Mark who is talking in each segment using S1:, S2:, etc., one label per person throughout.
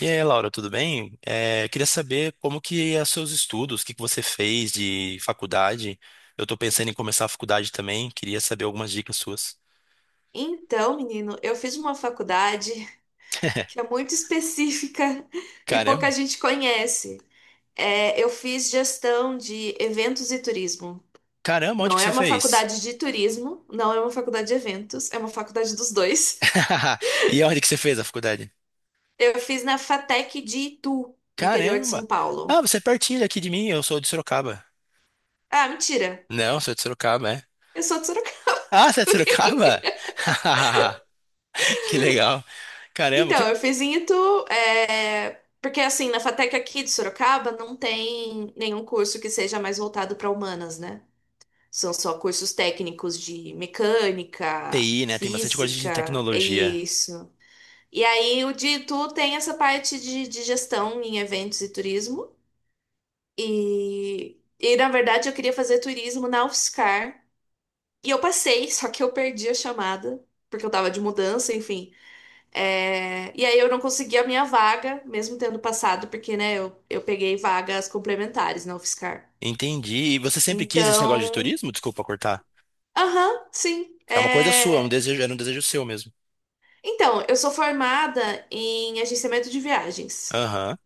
S1: E aí, Laura, tudo bem? Queria saber como que é os seus estudos, o que que você fez de faculdade. Eu estou pensando em começar a faculdade também, queria saber algumas dicas suas.
S2: Então, menino, eu fiz uma faculdade que é muito específica e pouca
S1: Caramba!
S2: gente conhece. É, eu fiz gestão de eventos e turismo.
S1: Caramba, onde
S2: Não
S1: que
S2: é
S1: você
S2: uma
S1: fez?
S2: faculdade de turismo, não é uma faculdade de eventos, é uma faculdade dos dois.
S1: E onde que você fez a faculdade?
S2: Eu fiz na FATEC de Itu, no interior de São
S1: Caramba! Ah,
S2: Paulo.
S1: você é pertinho daqui de mim, eu sou de Sorocaba.
S2: Ah, mentira,
S1: Não, sou de Sorocaba, é.
S2: eu sou de Sorocaba.
S1: Ah, você é de Sorocaba? Que legal. Caramba,
S2: Então,
S1: que
S2: eu fiz em Itu, porque assim, na FATEC aqui de Sorocaba não tem nenhum curso que seja mais voltado para humanas, né? São só cursos técnicos de mecânica,
S1: TI, né? Tem bastante coisa de
S2: física, é
S1: tecnologia.
S2: isso. E aí o de tu tem essa parte de gestão em eventos e turismo. E na verdade eu queria fazer turismo na UFSCar. E eu passei, só que eu perdi a chamada, porque eu tava de mudança, enfim. É, e aí eu não consegui a minha vaga, mesmo tendo passado, porque, né, eu peguei vagas complementares na UFSCar.
S1: Entendi. E você sempre quis esse negócio de
S2: Então,
S1: turismo? Desculpa cortar.
S2: aham, sim.
S1: É uma coisa sua, é um
S2: É,
S1: desejo, era um desejo seu mesmo.
S2: então, eu sou formada em agenciamento de viagens.
S1: Aham.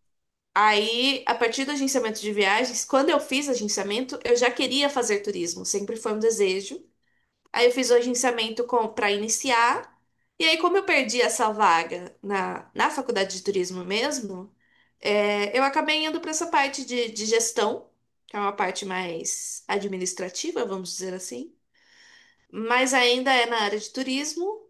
S2: Aí, a partir do agenciamento de viagens, quando eu fiz agenciamento, eu já queria fazer turismo, sempre foi um desejo. Aí eu fiz o agenciamento com para iniciar. E aí, como eu perdi essa vaga na, na faculdade de turismo mesmo, é, eu acabei indo para essa parte de gestão, que é uma parte mais administrativa, vamos dizer assim. Mas ainda é na área de turismo.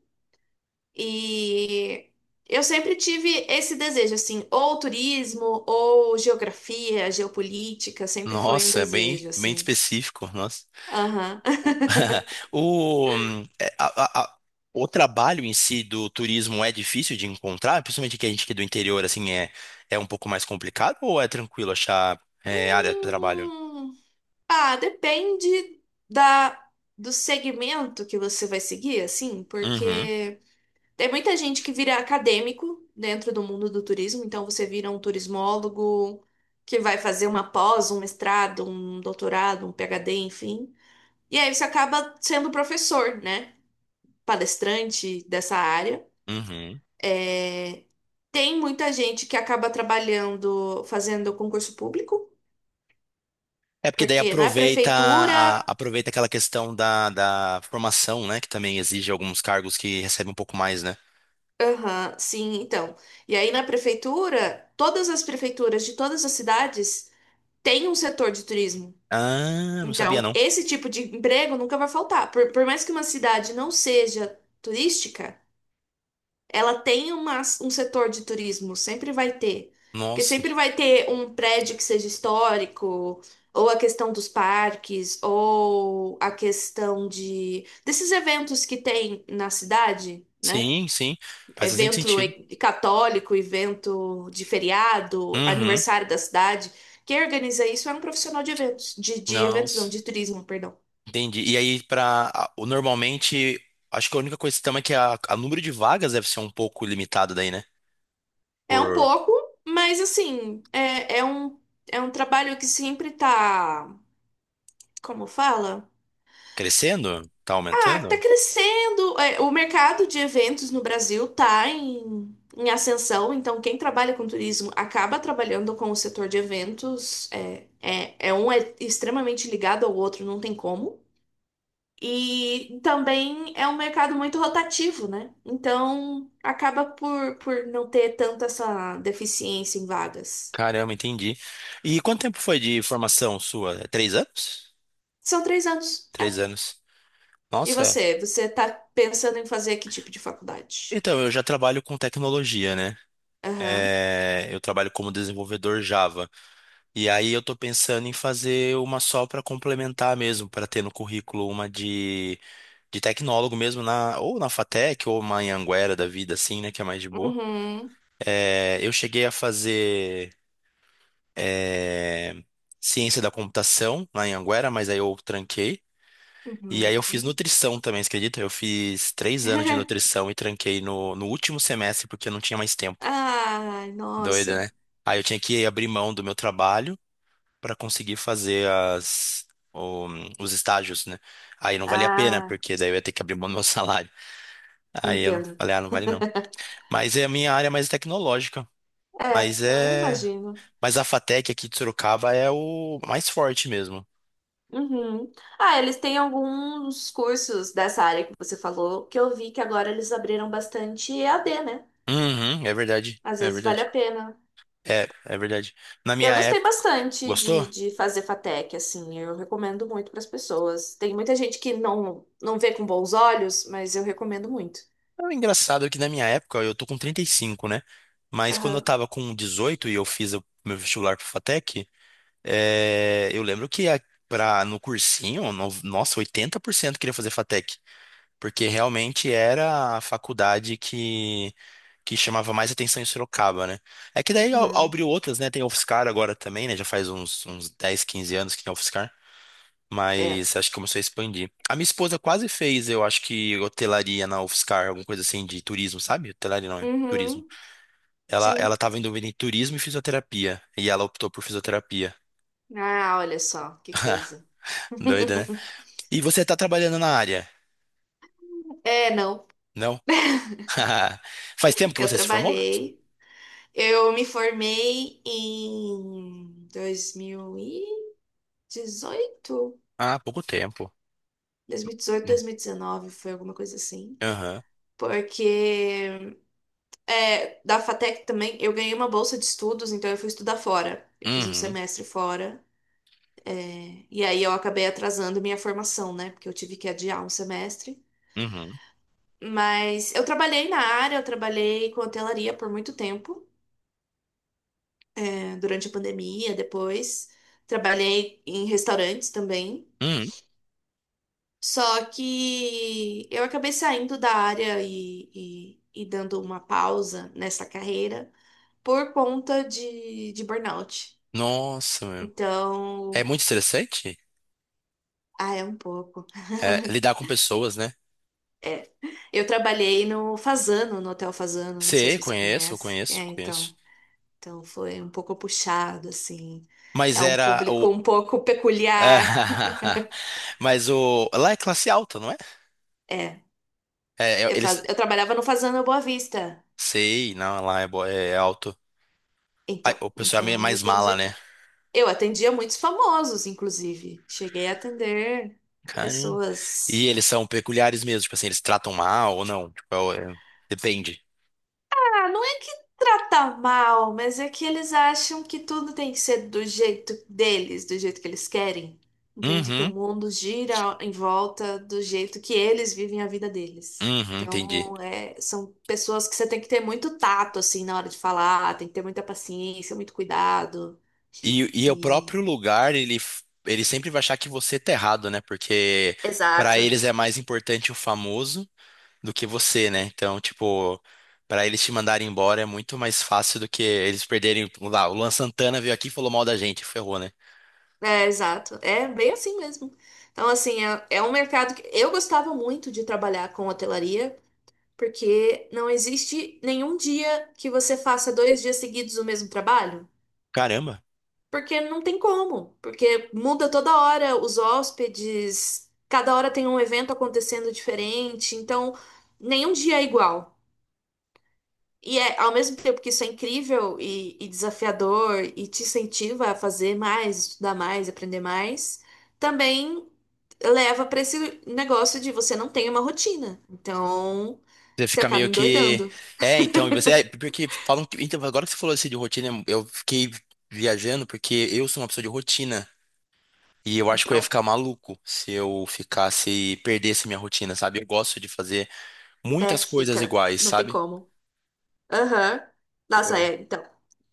S2: E eu sempre tive esse desejo, assim, ou turismo, ou geografia, geopolítica, sempre foi um
S1: Nossa, é bem,
S2: desejo,
S1: bem
S2: assim.
S1: específico. Nossa.
S2: Aham.
S1: O, é, a- o trabalho em si do turismo é difícil de encontrar, principalmente que a gente que é do interior, assim, é um pouco mais complicado ou é tranquilo achar área de trabalho?
S2: Hum, ah, depende da, do segmento que você vai seguir, assim,
S1: Uhum,
S2: porque tem muita gente que vira acadêmico dentro do mundo do turismo, então você vira um turismólogo que vai fazer uma pós, um mestrado, um doutorado, um PhD, enfim. E aí você acaba sendo professor, né? Palestrante dessa área.
S1: uhum.
S2: É, tem muita gente que acaba trabalhando, fazendo concurso público,
S1: É porque daí
S2: porque na
S1: aproveita,
S2: prefeitura.
S1: aproveita aquela questão da, da formação, né? Que também exige alguns cargos que recebem um pouco mais, né?
S2: Aham, sim, então. E aí na prefeitura, todas as prefeituras de todas as cidades têm um setor de turismo.
S1: Ah, não sabia
S2: Então,
S1: não.
S2: esse tipo de emprego nunca vai faltar. Por mais que uma cidade não seja turística, ela tem uma, um setor de turismo, sempre vai ter. Porque
S1: Nossa,
S2: sempre vai ter um prédio que seja histórico, ou a questão dos parques, ou a questão de desses eventos que tem na cidade, né?
S1: sim, sim. Faz bastante
S2: Evento
S1: sentido.
S2: e- católico, evento de feriado,
S1: Uhum.
S2: aniversário da cidade. Quem organiza isso é um profissional de eventos, de eventos não,
S1: Nossa.
S2: de turismo, perdão.
S1: Entendi. E aí, para normalmente, acho que a única questão é que a número de vagas deve ser um pouco limitado daí, né?
S2: É um
S1: Por
S2: pouco, mas assim, é, é um trabalho que sempre tá. Como fala?
S1: Crescendo, tá
S2: Ah, tá
S1: aumentando?
S2: crescendo. É, o mercado de eventos no Brasil tá em, em ascensão, então quem trabalha com turismo acaba trabalhando com o setor de eventos. É, é, é um é extremamente ligado ao outro, não tem como. E também é um mercado muito rotativo, né? Então acaba por não ter tanta essa deficiência em vagas.
S1: Caramba, entendi. E quanto tempo foi de formação sua? É 3 anos?
S2: São 3 anos. É.
S1: 3 anos.
S2: E
S1: Nossa.
S2: você? Você tá pensando em fazer que tipo de faculdade?
S1: Então, eu já trabalho com tecnologia, né?
S2: Aham.
S1: É, eu trabalho como desenvolvedor Java. E aí eu tô pensando em fazer uma só para complementar mesmo, para ter no currículo uma de tecnólogo mesmo na ou na FATEC ou uma Anhanguera da vida assim, né, que é mais de boa.
S2: Uhum.
S1: É, eu cheguei a fazer é, ciência da computação na Anhanguera, mas aí eu tranquei. E aí
S2: Uhum.
S1: eu fiz nutrição também, você acredita? Eu fiz 3 anos de nutrição e tranquei no último semestre porque eu não tinha mais tempo.
S2: Ai,
S1: Doida,
S2: nossa.
S1: né? Aí eu tinha que abrir mão do meu trabalho para conseguir fazer o- os estágios, né? Aí não valia a pena,
S2: Ah,
S1: porque daí eu ia ter que abrir mão do meu salário. Aí eu
S2: entendo.
S1: falei, ah, não vale não. Mas é a minha área mais tecnológica.
S2: É,
S1: Mas
S2: não, eu
S1: é.
S2: imagino.
S1: Mas a FATEC aqui de Sorocaba é o mais forte mesmo.
S2: Uhum. Ah, eles têm alguns cursos dessa área que você falou, que eu vi que agora eles abriram bastante EAD, né?
S1: Uhum, é verdade.
S2: Às
S1: É
S2: vezes vale a
S1: verdade.
S2: pena.
S1: É verdade. Na
S2: Eu
S1: minha
S2: gostei
S1: época.
S2: bastante
S1: Gostou?
S2: de fazer FATEC, assim, eu recomendo muito para as pessoas. Tem muita gente que não, não vê com bons olhos, mas eu recomendo muito.
S1: É engraçado é que na minha época eu tô com 35, né? Mas quando eu
S2: Aham.
S1: tava com 18 e eu fiz o meu vestibular pro FATEC. Eu lembro que no cursinho, nossa, 80% queria fazer FATEC, porque realmente era a faculdade que chamava mais atenção em Sorocaba, né? É que daí
S2: Uhum.
S1: abriu outras, né? Tem a UFSCar agora também, né? Já faz uns, 10, 15 anos que tem a UFSCar,
S2: É.
S1: mas acho que começou a expandir. A minha esposa quase fez, eu acho que hotelaria na UFSCar, alguma coisa assim de turismo, sabe? Hotelaria não é. Turismo.
S2: Uhum.
S1: Ela
S2: Sim.
S1: tava em dúvida em turismo e fisioterapia. E ela optou por fisioterapia.
S2: Ah, olha só, que coisa.
S1: Doida, né? E você está trabalhando na área?
S2: É, não.
S1: Não? Faz tempo que
S2: Eu
S1: você se formou?
S2: trabalhei. Eu me formei em 2018?
S1: Ah, pouco tempo.
S2: 2018,
S1: Hum.
S2: 2019, foi alguma coisa assim.
S1: Aham.
S2: Porque é, da FATEC também eu ganhei uma bolsa de estudos, então eu fui estudar fora. Eu fiz um
S1: Uhum.
S2: semestre fora. E aí eu acabei atrasando minha formação, né? Porque eu tive que adiar um semestre.
S1: Uhum.
S2: Mas eu trabalhei na área, eu trabalhei com hotelaria por muito tempo. Durante a pandemia, depois. Trabalhei em restaurantes também.
S1: Uhum.
S2: Só que eu acabei saindo da área e dando uma pausa nessa carreira por conta de burnout.
S1: Nossa, meu. É
S2: Então,
S1: muito interessante,
S2: ah, é um pouco.
S1: é, lidar com pessoas, né?
S2: É. Eu trabalhei no Fazano, no Hotel Fazano, não sei
S1: Sei,
S2: se você
S1: conheço,
S2: conhece. É,
S1: conheço, conheço.
S2: então. Então foi um pouco puxado, assim.
S1: Mas
S2: É um
S1: era o.
S2: público um pouco peculiar.
S1: Mas o. Lá é classe alta, não é?
S2: É, eu,
S1: Eles.
S2: faz... eu trabalhava no Fazenda Boa Vista.
S1: Sei, não, lá é alto. Ai,
S2: Então,
S1: o pessoal é meio
S2: então eu
S1: mais mala,
S2: atendia.
S1: né?
S2: Eu atendia muitos famosos, inclusive. Cheguei a atender
S1: Caramba. E
S2: pessoas.
S1: eles são peculiares mesmo, tipo assim, eles tratam mal ou não? Tipo, o- é- depende.
S2: Ah, não é que trata mal, mas é que eles acham que tudo tem que ser do jeito deles, do jeito que eles querem. Entende? Que o
S1: Uhum,
S2: mundo gira em volta do jeito que eles vivem a vida deles.
S1: uhum, entendi.
S2: Então, é, são pessoas que você tem que ter muito tato, assim, na hora de falar, tem que ter muita paciência, muito cuidado.
S1: E o
S2: E
S1: próprio lugar, ele sempre vai achar que você tá errado, né? Porque pra
S2: exato.
S1: eles é mais importante o famoso do que você, né? Então, tipo, pra eles te mandarem embora é muito mais fácil do que eles perderem. Vamos lá, o Luan Santana veio aqui e falou mal da gente, ferrou, né?
S2: É, exato. É bem assim mesmo. Então, assim, é, é um mercado que eu gostava muito de trabalhar com hotelaria, porque não existe nenhum dia que você faça dois dias seguidos o mesmo trabalho,
S1: Caramba.
S2: porque não tem como, porque muda toda hora os hóspedes, cada hora tem um evento acontecendo diferente, então nenhum dia é igual. E é, ao mesmo tempo que isso é incrível e desafiador e te incentiva a fazer mais, estudar mais, aprender mais, também leva para esse negócio de você não tem uma rotina. Então,
S1: Você
S2: você
S1: fica
S2: acaba
S1: meio que.
S2: endoidando.
S1: É, então, e você. É, porque falam que. Então, agora que você falou assim de rotina, eu fiquei viajando porque eu sou uma pessoa de rotina. E eu acho que eu ia
S2: Então,
S1: ficar maluco se eu ficasse, perdesse minha rotina, sabe? Eu gosto de fazer
S2: é,
S1: muitas coisas
S2: fica,
S1: iguais,
S2: não tem
S1: sabe?
S2: como. Aham. Nossa,
S1: Eu...
S2: é, então,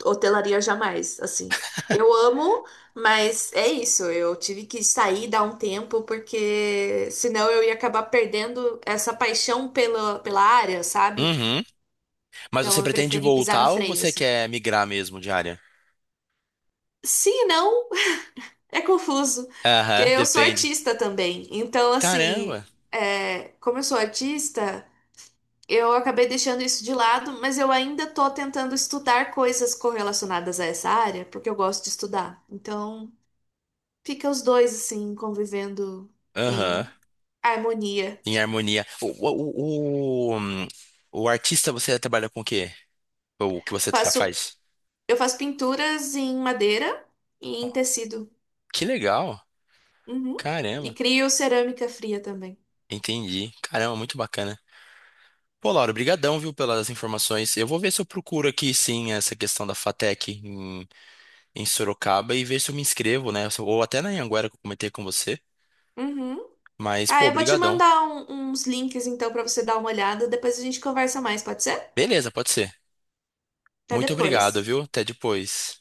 S2: hotelaria jamais, assim. Eu amo, mas é isso, eu tive que sair, dar um tempo, porque senão eu ia acabar perdendo essa paixão pela, pela área, sabe?
S1: Uhum. Mas
S2: Então
S1: você
S2: eu
S1: pretende
S2: preferi pisar no
S1: voltar ou
S2: freio,
S1: você
S2: assim.
S1: quer migrar mesmo de área?
S2: Se não, é confuso, porque
S1: Aham,
S2: eu sou
S1: depende.
S2: artista também. Então, assim,
S1: Caramba.
S2: é, como eu sou artista. Eu acabei deixando isso de lado, mas eu ainda estou tentando estudar coisas correlacionadas a essa área, porque eu gosto de estudar. Então, fica os dois assim convivendo
S1: Aham,
S2: em harmonia.
S1: em harmonia. O, o, o, hum, o artista, você trabalha com o quê? O que
S2: Eu
S1: você
S2: faço,
S1: faz?
S2: eu faço pinturas em madeira e em tecido.
S1: Que legal.
S2: Uhum. E
S1: Caramba.
S2: crio cerâmica fria também.
S1: Entendi. Caramba, muito bacana. Pô, Laura, brigadão, viu, pelas informações. Eu vou ver se eu procuro aqui, sim, essa questão da FATEC em, Sorocaba e ver se eu me inscrevo, né? Ou até na Anhanguera que eu comentei com você.
S2: Uhum.
S1: Mas,
S2: Ah,
S1: pô,
S2: eu vou te
S1: brigadão.
S2: mandar uns links então para você dar uma olhada. Depois a gente conversa mais, pode ser?
S1: Beleza, pode ser.
S2: Até
S1: Muito
S2: depois.
S1: obrigado, viu? Até depois.